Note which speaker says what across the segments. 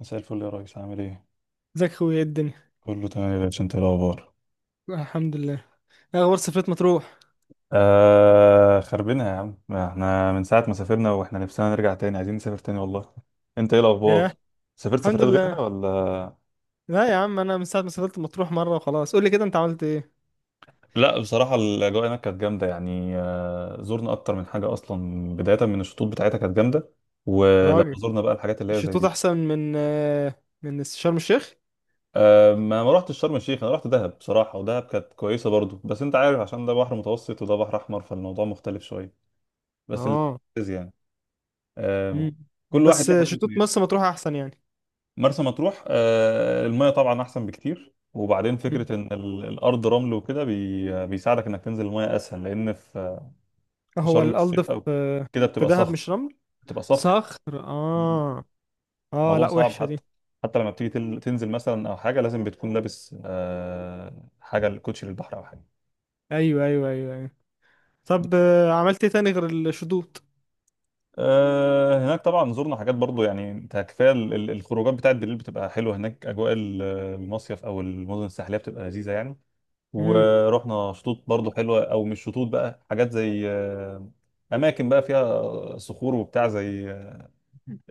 Speaker 1: مساء الفل يا ريس، عامل ايه؟
Speaker 2: ازيك اخويا، ايه الدنيا؟
Speaker 1: كله تمام يا باشا، انت ايه الاخبار؟
Speaker 2: الحمد لله. ايه اخبار سفرية مطروح؟
Speaker 1: خربنا يا عم، ما احنا من ساعة ما سافرنا واحنا نفسنا نرجع تاني، عايزين نسافر تاني والله. انت ايه
Speaker 2: ياه.
Speaker 1: الاخبار؟ سافرت
Speaker 2: الحمد
Speaker 1: سفرات
Speaker 2: لله.
Speaker 1: غيرها ولا؟
Speaker 2: لا يا عم، انا من ساعة ما سافرت مطروح مرة وخلاص. قول لي كده، انت عملت ايه؟
Speaker 1: لا بصراحة الأجواء هناك كانت جامدة، يعني زرنا أكتر من حاجة، أصلا بداية من الشطوط بتاعتها كانت جامدة. ولما
Speaker 2: راجل.
Speaker 1: زرنا بقى الحاجات اللي هي
Speaker 2: الشطوط
Speaker 1: زي
Speaker 2: احسن من شرم الشيخ.
Speaker 1: ما رحتش شرم الشيخ، أنا رحت دهب بصراحة. ودهب كانت كويسة برضو، بس أنت عارف عشان ده بحر متوسط وده بحر أحمر، فالموضوع مختلف شوية. بس اللي
Speaker 2: اه.
Speaker 1: يعني آه،
Speaker 2: مم.
Speaker 1: كل واحد
Speaker 2: بس
Speaker 1: ليه حاجه
Speaker 2: شطوط
Speaker 1: بتميزه.
Speaker 2: مرسى مطروح احسن يعني.
Speaker 1: مرسى مطروح الميه طبعا احسن بكتير، وبعدين
Speaker 2: مم.
Speaker 1: فكره ان الارض رمل وكده، بيساعدك انك تنزل الميه اسهل، لان في في
Speaker 2: هو
Speaker 1: شرم الشيخ
Speaker 2: الألض في...
Speaker 1: او كده
Speaker 2: في
Speaker 1: بتبقى
Speaker 2: دهب
Speaker 1: صخر،
Speaker 2: مش رمل.
Speaker 1: بتبقى صخر.
Speaker 2: صخر، اه. اه،
Speaker 1: الموضوع
Speaker 2: لا،
Speaker 1: صعب،
Speaker 2: وحشة دي.
Speaker 1: حتى لما بتيجي تنزل مثلا او حاجه لازم بتكون لابس حاجه الكوتشي للبحر او حاجه.
Speaker 2: ايوه، ايوه، ايوه، ايوه. طب، عملت ايه تاني غير الشطوط؟
Speaker 1: هناك طبعا زرنا حاجات برضو. يعني انت كفايه الخروجات بتاعت بالليل بتبقى حلوه هناك، اجواء المصيف او المدن الساحليه بتبقى لذيذه يعني. ورحنا شطوط برضو حلوه، او مش شطوط بقى، حاجات زي اماكن بقى فيها صخور وبتاع، زي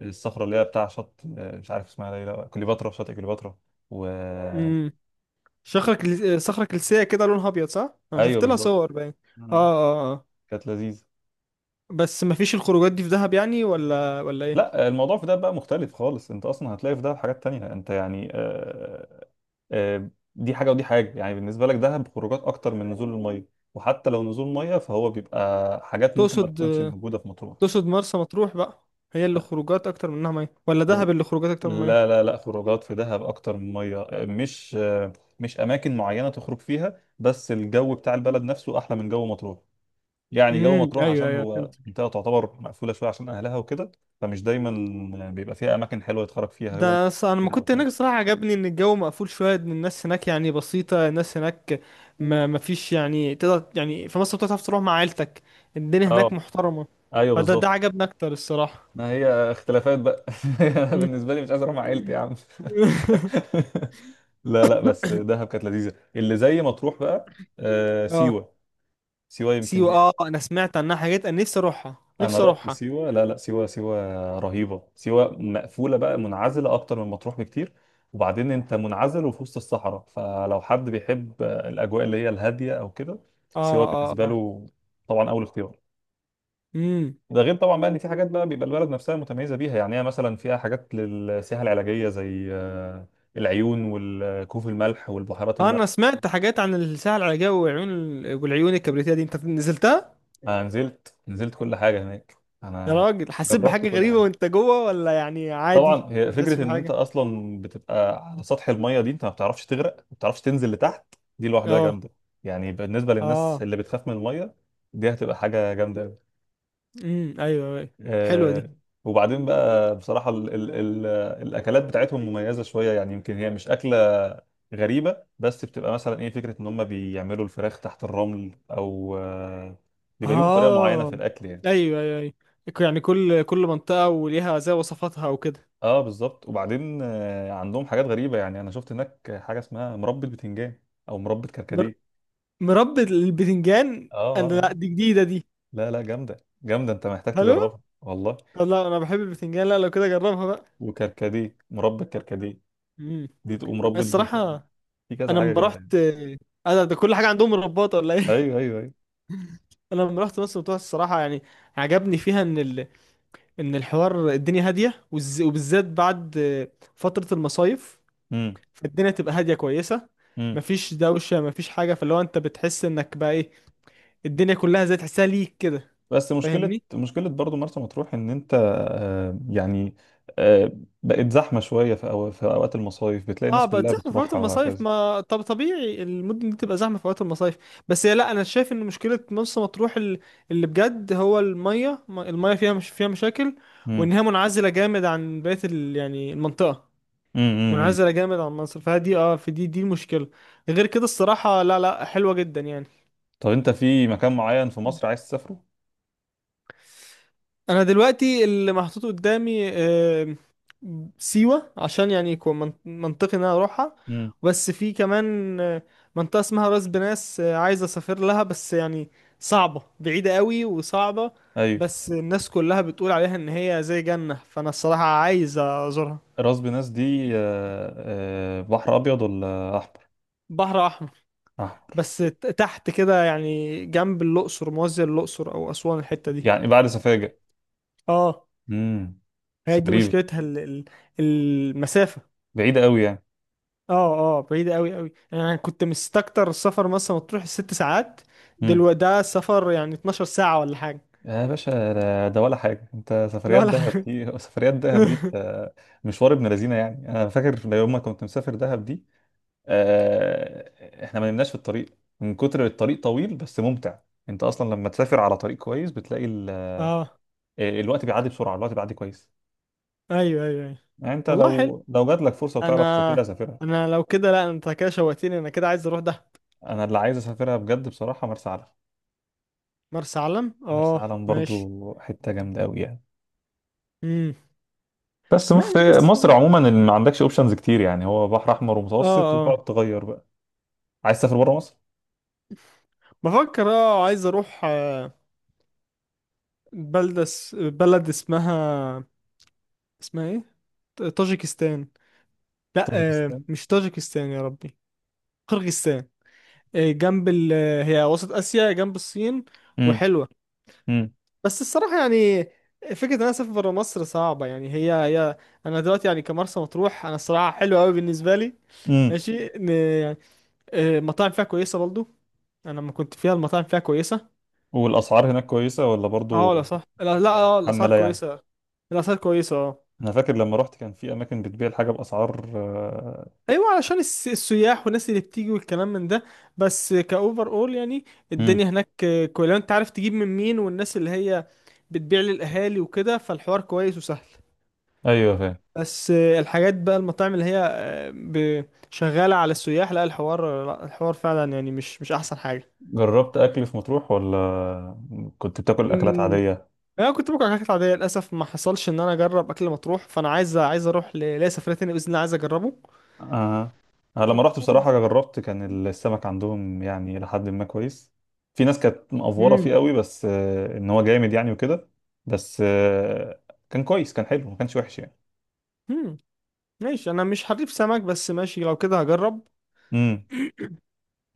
Speaker 1: الصخره اللي هي بتاع شط، مش عارف اسمها ايه، لا كليوباترا، شاطئ كليوباترا. و
Speaker 2: امم.
Speaker 1: و-
Speaker 2: صخرة كلسية كده، لونها أبيض، صح؟ أنا
Speaker 1: ايوه
Speaker 2: شفت لها
Speaker 1: بالظبط.
Speaker 2: صور باين. آه،
Speaker 1: آه،
Speaker 2: آه، آه.
Speaker 1: كانت لذيذه.
Speaker 2: بس مفيش الخروجات دي في دهب يعني، ولا إيه؟
Speaker 1: لا الموضوع في ده بقى مختلف خالص، انت اصلا هتلاقي في ده حاجات تانية، انت يعني آه، دي حاجه ودي حاجه، يعني بالنسبه لك دهب خروجات اكتر من نزول الميه، وحتى لو نزول ميه فهو بيبقى حاجات ممكن ما
Speaker 2: تقصد
Speaker 1: تكونش موجوده في مطروح.
Speaker 2: تقصد مرسى مطروح بقى. هي اللي خروجات أكتر منها مية ولا دهب اللي خروجات أكتر من
Speaker 1: لا
Speaker 2: مية؟
Speaker 1: لا لا، خروجات في دهب اكتر من ميه. مش اماكن معينه تخرج فيها، بس الجو بتاع البلد نفسه احلى من جو مطروح. يعني جو
Speaker 2: أمم،
Speaker 1: مطروح
Speaker 2: أيوه،
Speaker 1: عشان
Speaker 2: أيوه،
Speaker 1: هو
Speaker 2: فهمت.
Speaker 1: منطقه تعتبر مقفوله شويه عشان اهلها وكده، فمش دايما بيبقى فيها اماكن حلوه يتخرج فيها هو.
Speaker 2: أنا لما
Speaker 1: سنة او
Speaker 2: كنت
Speaker 1: اتنين.
Speaker 2: هناك الصراحة عجبني إن الجو مقفول شوية، إن الناس هناك يعني بسيطة، الناس هناك. ما مفيش يعني، تقدر يعني في مصر بتعرف تروح مع عيلتك. الدنيا
Speaker 1: اه،
Speaker 2: هناك محترمة.
Speaker 1: ايوه
Speaker 2: فده
Speaker 1: بالظبط.
Speaker 2: عجبني أكتر الصراحة.
Speaker 1: ما هي اختلافات بقى انا
Speaker 2: أمم.
Speaker 1: بالنسبه لي مش عايز اروح مع عيلتي يا عم لا لا، بس دهب كانت لذيذه، اللي زي ما تروح بقى
Speaker 2: آه،
Speaker 1: سيوه. سيوه
Speaker 2: سيوة.
Speaker 1: يمكن.
Speaker 2: اه، انا سمعت عنها حاجات، انا نفسي اروحها،
Speaker 1: انا
Speaker 2: نفسي
Speaker 1: رحت
Speaker 2: اروحها.
Speaker 1: سيوه. لا لا، سيوه سيوه رهيبه، سيوه مقفوله بقى، منعزله اكتر من مطروح بكتير. وبعدين انت منعزل وفي وسط الصحراء، فلو حد بيحب الاجواء اللي هي الهاديه او كده
Speaker 2: اه،
Speaker 1: سيوه
Speaker 2: اه،
Speaker 1: بالنسبه
Speaker 2: اه.
Speaker 1: له طبعا اول اختيار.
Speaker 2: امم.
Speaker 1: ده غير طبعا بقى ان في حاجات بقى بيبقى البلد نفسها متميزه بيها، يعني هي مثلا فيها حاجات للسياحه العلاجيه زي العيون والكهوف الملح والبحيرات الملح.
Speaker 2: انا سمعت حاجات عن الساحل العاجبي وعيون. والعيون الكبريتية دي، انت نزلتها؟
Speaker 1: انا نزلت نزلت كل حاجه هناك.
Speaker 2: يا
Speaker 1: انا
Speaker 2: راجل، حسيت
Speaker 1: جربت
Speaker 2: بحاجة
Speaker 1: كل
Speaker 2: غريبة
Speaker 1: حاجه.
Speaker 2: وانت جوه، ولا يعني عادي؟
Speaker 1: طبعا هي
Speaker 2: ما بتحسش
Speaker 1: فكره ان انت
Speaker 2: بحاجة.
Speaker 1: اصلا بتبقى على سطح الميه دي، انت ما بتعرفش تغرق، ما بتعرفش تنزل لتحت، دي لوحدها
Speaker 2: اه،
Speaker 1: جامده، يعني بالنسبه للناس
Speaker 2: اه.
Speaker 1: اللي بتخاف من الميه دي هتبقى حاجه جامده قوي.
Speaker 2: امم، ايوه، ايوه. حلوة دي.
Speaker 1: آه. وبعدين بقى بصراحه ال ال ال الاكلات بتاعتهم مميزه شويه، يعني يمكن هي مش اكله غريبه، بس بتبقى مثلا ايه، فكره ان هم بيعملوا الفراخ تحت الرمل، او بيبقى ليهم طريقه معينه
Speaker 2: اه،
Speaker 1: في الاكل يعني.
Speaker 2: ايوه، ايوه، ايوه. يعني كل منطقة وليها زي وصفاتها وكده.
Speaker 1: اه بالظبط. وبعدين عندهم حاجات غريبة، يعني انا شفت هناك حاجة اسمها مربى بتنجان او مربى
Speaker 2: مر...
Speaker 1: كركديه.
Speaker 2: مربى البتنجان.
Speaker 1: اه،
Speaker 2: انا، لا، دي جديدة دي.
Speaker 1: لا لا، جامدة جامدة، انت محتاج
Speaker 2: حلوة.
Speaker 1: تجربها والله.
Speaker 2: والله انا بحب البتنجان، لا لو كده جربها بقى.
Speaker 1: وكركديه، مربى كركديه،
Speaker 2: مم.
Speaker 1: دي تقوم مربى برتقال.
Speaker 2: الصراحة.
Speaker 1: في كذا
Speaker 2: أنا
Speaker 1: حاجة
Speaker 2: لما
Speaker 1: جامدة يعني.
Speaker 2: رحت. أنا ده كل حاجة عندهم رباطة، ولا إيه؟
Speaker 1: ايوه ايوه ايوه.
Speaker 2: أنا لما رحت مصر مطروح الصراحة يعني. عجبني فيها إن الحوار الدنيا هادية، وبالذات بعد فترة المصايف.
Speaker 1: امم.
Speaker 2: فالدنيا تبقى هادية كويسة.
Speaker 1: امم.
Speaker 2: مفيش دوشة، مفيش حاجة، فاللي هو أنت بتحس إنك بقى إيه. الدنيا كلها زي تحسها ليك كده.
Speaker 1: بس مشكلة
Speaker 2: فاهمني؟
Speaker 1: مشكلة برضو مرسى مطروح ان انت يعني آه، بقت زحمة شوية في في اوقات المصايف بتلاقي
Speaker 2: اه،
Speaker 1: الناس
Speaker 2: بقت
Speaker 1: كلها
Speaker 2: زحمه في وقت
Speaker 1: بتروحها
Speaker 2: المصايف،
Speaker 1: وهكذا.
Speaker 2: ما طب طبيعي المدن دي تبقى زحمه في وقت المصايف. بس هي لا، انا شايف ان مشكله مرسى مطروح اللي بجد هو الميه الميه فيها، مش فيها مشاكل. وان
Speaker 1: امم.
Speaker 2: هي منعزله جامد عن بقيه يعني المنطقه.
Speaker 1: امم. أمم.
Speaker 2: منعزله جامد عن مصر، فدي في دي المشكله. غير كده الصراحه، لا، لا، حلوه جدا يعني.
Speaker 1: طب انت في مكان معين في مصر عايز تسافره؟
Speaker 2: انا دلوقتي اللي محطوط قدامي سيوة، عشان يعني يكون منطقي ان انا اروحها.
Speaker 1: امم.
Speaker 2: بس في كمان منطقة اسمها راس بناس، عايز اسافر لها، بس يعني صعبة، بعيدة قوي وصعبة.
Speaker 1: ايوه.
Speaker 2: بس الناس كلها بتقول عليها ان هي زي جنة، فانا الصراحة عايز ازورها.
Speaker 1: راس بناس دي بحر ابيض ولا احمر؟
Speaker 2: بحر احمر.
Speaker 1: احمر.
Speaker 2: بس تحت كده يعني، جنب الاقصر، موازية الاقصر او اسوان الحتة دي.
Speaker 1: يعني بعد سفاجة.
Speaker 2: اه.
Speaker 1: امم. بس
Speaker 2: هي دي
Speaker 1: غريبة،
Speaker 2: مشكلتها المسافة.
Speaker 1: بعيدة قوي يعني.
Speaker 2: اه، اه، بعيدة قوي قوي، انا كنت مستكتر السفر مثلا مطروح الـ 6 ساعات.
Speaker 1: امم.
Speaker 2: دلوقتي ده سفر يعني 12 ساعة ولا حاجة.
Speaker 1: يا باشا ده ولا حاجة؟ انت
Speaker 2: ده
Speaker 1: سفريات
Speaker 2: ولا
Speaker 1: دهب
Speaker 2: حاجة.
Speaker 1: دي سفريات دهب دي انت مشوار ابن لذينة، يعني انا فاكر يوم ما كنت مسافر دهب دي احنا ما نمناش في الطريق من كتر الطريق طويل، بس ممتع. انت اصلا لما تسافر على طريق كويس بتلاقي
Speaker 2: اه،
Speaker 1: الوقت بيعدي بسرعة، الوقت بيعدي كويس.
Speaker 2: ايوه، ايوه، ايوه.
Speaker 1: يعني انت
Speaker 2: والله حلو.
Speaker 1: لو جات لك فرصة وتعرف
Speaker 2: انا
Speaker 1: تسافرها سافرها.
Speaker 2: انا لو كده، لا انت كده شوقتني، انا كده عايز اروح ده.
Speaker 1: انا اللي عايز اسافرها بجد بصراحه مرسى علم.
Speaker 2: مرسى علم،
Speaker 1: مرسى
Speaker 2: اه،
Speaker 1: علم برضو
Speaker 2: ماشي.
Speaker 1: حته جامده قوي يعني.
Speaker 2: امم.
Speaker 1: بس
Speaker 2: ماشي
Speaker 1: في
Speaker 2: بس.
Speaker 1: مصر عموما اللي ما عندكش اوبشنز كتير، يعني هو بحر احمر
Speaker 2: اه،
Speaker 1: ومتوسط
Speaker 2: اه.
Speaker 1: وتقعد تغير بقى. عايز تسافر بره مصر.
Speaker 2: بفكر عايز اروح، بلد اسمها، اسمها ايه؟ طاجيكستان. لا.
Speaker 1: طاجيكستان.
Speaker 2: مش طاجيكستان يا ربي. قرغيزستان. إيه، جنب ال. هي وسط آسيا جنب الصين.
Speaker 1: امم.
Speaker 2: وحلوة.
Speaker 1: امم.
Speaker 2: بس الصراحة يعني، فكرة إن أنا أسافر برا مصر صعبة يعني، هي. أنا دلوقتي يعني كمرسى مطروح، أنا الصراحة حلوة أوي بالنسبة لي.
Speaker 1: امم.
Speaker 2: ماشي يعني، المطاعم فيها كويسة برضو. أنا لما كنت فيها المطاعم فيها كويسة.
Speaker 1: والاسعار هناك كويسه ولا
Speaker 2: أه، لا،
Speaker 1: برضو؟
Speaker 2: صح، لا، لا،
Speaker 1: يعني
Speaker 2: الأسعار
Speaker 1: محمله يعني.
Speaker 2: كويسة. الأسعار كويسة، أه.
Speaker 1: انا فاكر لما رحت كان في اماكن بتبيع الحاجه باسعار.
Speaker 2: ايوه، علشان السياح والناس اللي بتيجي والكلام من ده. بس كاوفر اول يعني. الدنيا
Speaker 1: امم.
Speaker 2: هناك كويس لو انت عارف تجيب من مين والناس اللي هي بتبيع للاهالي وكده، فالحوار كويس وسهل.
Speaker 1: ايوه فاهم.
Speaker 2: بس الحاجات بقى المطاعم اللي هي شغاله على السياح، لا الحوار، لا الحوار فعلا يعني مش احسن حاجه.
Speaker 1: جربت اكل في مطروح ولا كنت بتاكل اكلات
Speaker 2: أمم.
Speaker 1: عاديه؟
Speaker 2: انا كنت باكل حاجات عاديه، للاسف ما حصلش ان انا اجرب اكل مطروح، فانا عايز اروح ليا سفريه تانية باذن الله، عايز اجربه.
Speaker 1: آه. أنا لما رحت بصراحة جربت، كان السمك عندهم يعني لحد ما كويس. في ناس كانت مقفورة
Speaker 2: امم،
Speaker 1: فيه قوي، بس إن هو جامد يعني وكده. بس كان كويس، كان حلو، ما كانش وحش يعني.
Speaker 2: امم. ماشي، انا مش حريف سمك، بس ماشي لو كده هجرب.
Speaker 1: امم.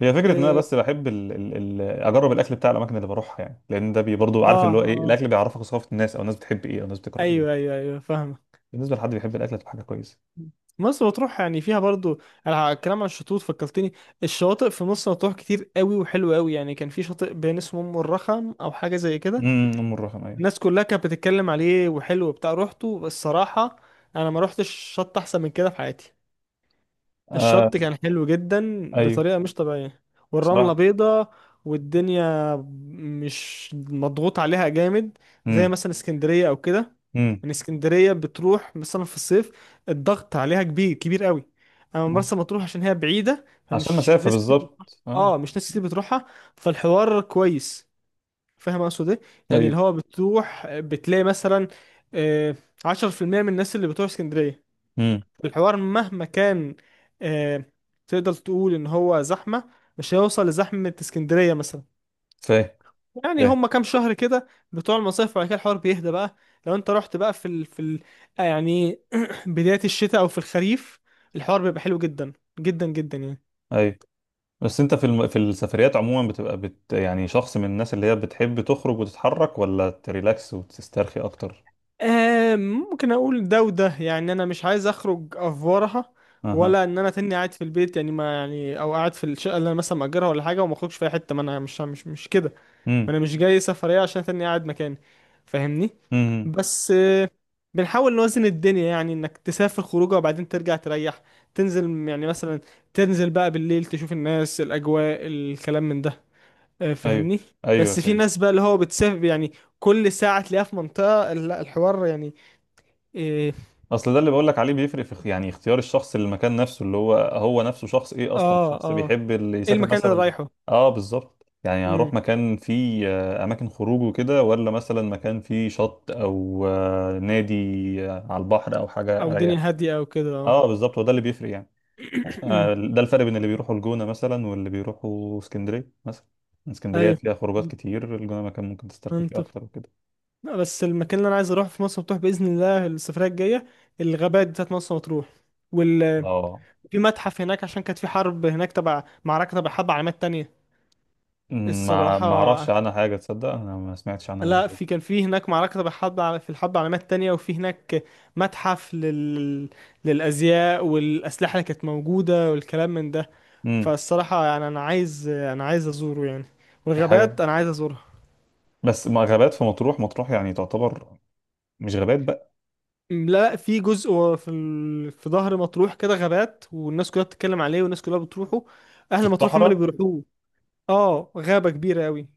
Speaker 1: هي فكرة إن أنا
Speaker 2: اه،
Speaker 1: بس بحب ال ال ال أجرب الأكل بتاع الأماكن اللي بروحها، يعني لأن ده بي برضه عارف اللي هو إيه،
Speaker 2: اه،
Speaker 1: الأكل بيعرفك ثقافة الناس، أو الناس بتحب إيه، أو الناس بتكره إيه.
Speaker 2: ايوه، ايوه، ايوه، فاهمه.
Speaker 1: بالنسبة لحد بيحب الأكل هتبقى حاجة كويسة.
Speaker 2: مرسى مطروح يعني فيها برضو. على الكلام عن الشطوط فكرتني. الشواطئ في مرسى مطروح كتير قوي وحلوه قوي يعني، كان في شاطئ بين اسمه ام الرخم او حاجه زي كده.
Speaker 1: امم. أم الرخم أيوه.
Speaker 2: الناس كلها كانت بتتكلم عليه وحلو بتاع روحته الصراحه. انا ما روحتش شط احسن من كده في حياتي.
Speaker 1: آه
Speaker 2: الشط كان حلو جدا
Speaker 1: أيوه.
Speaker 2: بطريقة مش طبيعية. والرملة
Speaker 1: بصراحة.
Speaker 2: بيضة. والدنيا مش مضغوط عليها جامد، زي
Speaker 1: امم.
Speaker 2: مثلا اسكندرية او كده.
Speaker 1: امم.
Speaker 2: ان اسكندرية بتروح مثلا في الصيف، الضغط عليها كبير كبير قوي. اما مرسى مطروح عشان هي بعيدة
Speaker 1: عشان
Speaker 2: فمش
Speaker 1: مسافة
Speaker 2: ناس كتير بتروح.
Speaker 1: بالظبط أه.
Speaker 2: اه، مش ناس كتير بتروحها. فالحوار كويس. فاهم اقصد ايه؟ يعني اللي
Speaker 1: أيوه.
Speaker 2: هو بتروح بتلاقي مثلا آه، 10% من الناس اللي بتروح اسكندرية.
Speaker 1: مم.
Speaker 2: الحوار مهما كان، آه، تقدر تقول ان هو زحمة، مش هيوصل لزحمة اسكندرية مثلا.
Speaker 1: فاهم.
Speaker 2: يعني
Speaker 1: فاهم.
Speaker 2: هما كام شهر كده بتوع المصيف وبعد كده الحوار بيهدى بقى. لو انت رحت بقى يعني بداية الشتاء او في الخريف، الحوار بيبقى حلو جدا، جدا جدا يعني.
Speaker 1: ايوه. بس انت في في السفريات عموما بتبقى يعني شخص من الناس اللي هي بتحب تخرج وتتحرك، ولا تريلاكس وتسترخي اكتر؟
Speaker 2: آه، ممكن اقول ده وده يعني، انا مش عايز اخرج افورها.
Speaker 1: اها.
Speaker 2: ولا ان انا تاني قاعد في البيت يعني، ما يعني او قاعد في الشقه اللي انا مثلا مأجرها ولا حاجه وما اخرجش في اي حته، ما انا مش كده. ما
Speaker 1: امم.
Speaker 2: انا مش جاي سفرية عشان تاني قاعد مكاني. فاهمني؟
Speaker 1: امم.
Speaker 2: بس بنحاول نوازن الدنيا يعني، انك تسافر خروجه وبعدين ترجع تريح. تنزل يعني مثلا، تنزل بقى بالليل تشوف الناس، الاجواء، الكلام من ده.
Speaker 1: ايوه
Speaker 2: فاهمني؟
Speaker 1: ايوه
Speaker 2: بس في
Speaker 1: فاهم.
Speaker 2: ناس بقى اللي هو بتسافر يعني كل ساعة تلاقيها في منطقة، لا الحوار يعني إيه.
Speaker 1: اصل ده اللي بقول لك عليه بيفرق في يعني اختيار الشخص للمكان نفسه، اللي هو هو نفسه شخص ايه اصلا،
Speaker 2: اه،
Speaker 1: شخص
Speaker 2: اه.
Speaker 1: بيحب اللي
Speaker 2: ايه
Speaker 1: يسافر
Speaker 2: المكان اللي
Speaker 1: مثلا.
Speaker 2: رايحه.
Speaker 1: اه بالظبط. يعني هروح
Speaker 2: امم.
Speaker 1: مكان فيه اماكن خروج وكده، ولا مثلا مكان فيه شط او نادي على البحر او حاجه
Speaker 2: او
Speaker 1: اريح.
Speaker 2: دنيا هادية او كده، اه.
Speaker 1: اه بالظبط هو ده اللي بيفرق يعني.
Speaker 2: أمم.
Speaker 1: ده الفرق بين اللي بيروحوا الجونة مثلا واللي بيروحوا اسكندرية مثلا. اسكندرية
Speaker 2: ايوه.
Speaker 1: فيها خروجات كتير، الجونة مكان ممكن تسترخي فيه
Speaker 2: منطق.
Speaker 1: أكتر وكده.
Speaker 2: لا بس المكان اللي انا عايز اروحه في مرسى مطروح باذن الله السفريه الجايه، الغابات بتاعت مرسى مطروح. وال.
Speaker 1: اه.
Speaker 2: في متحف هناك عشان كانت في حرب هناك، تبع معركه تبع حرب عالمات تانية.
Speaker 1: أمم. ما أعرفش
Speaker 2: الصراحه.
Speaker 1: عنها حاجة تصدق، أنا ما سمعتش عنها قبل
Speaker 2: لا
Speaker 1: كده.
Speaker 2: في كان في هناك معركه تبع حرب في الحرب العالمات التانية، وفي هناك متحف للازياء والاسلحه اللي كانت موجوده والكلام من ده.
Speaker 1: أمم.
Speaker 2: فالصراحه يعني انا عايز ازوره يعني.
Speaker 1: في حاجة.
Speaker 2: والغابات انا عايز ازورها.
Speaker 1: بس ما غابات في مطروح، مطروح يعني تعتبر مش غابات بقى.
Speaker 2: لا، لا، في جزء في ظهر مطروح كده غابات، والناس كلها بتتكلم عليه، والناس كلها بتروحه.
Speaker 1: في
Speaker 2: اهل مطروح هم اللي
Speaker 1: الصحراء.
Speaker 2: بيروحوه. اه، غابة كبيرة قوي.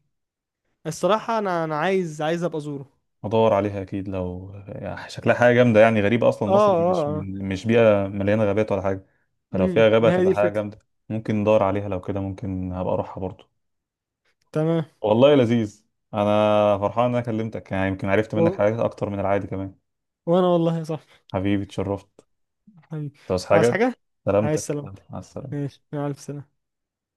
Speaker 2: الصراحة، انا عايز ابقى ازوره.
Speaker 1: هدور عليها أكيد، لو يعني شكلها حاجة جامدة يعني غريبة. أصلا
Speaker 2: اه،
Speaker 1: مصر
Speaker 2: اه،
Speaker 1: مش
Speaker 2: اه.
Speaker 1: مش بيئة مليانة غابات ولا حاجة، فلو
Speaker 2: امم.
Speaker 1: فيها غابة
Speaker 2: ما هي دي
Speaker 1: هتبقى حاجة
Speaker 2: الفكرة.
Speaker 1: جامدة. ممكن ندور عليها، لو كده ممكن هبقى أروحها برضو.
Speaker 2: تمام.
Speaker 1: والله لذيذ. انا فرحان ان انا كلمتك، يعني يمكن عرفت منك
Speaker 2: و...
Speaker 1: حاجات اكتر من العادي كمان.
Speaker 2: وانا والله يا صاحبي.
Speaker 1: حبيبي اتشرفت.
Speaker 2: حبيبي.
Speaker 1: انت عاوز
Speaker 2: عايز
Speaker 1: حاجه؟
Speaker 2: حاجة؟ عايز
Speaker 1: سلامتك يلا،
Speaker 2: سلامتك.
Speaker 1: مع السلامه.
Speaker 2: ماشي، مع الف سلامة.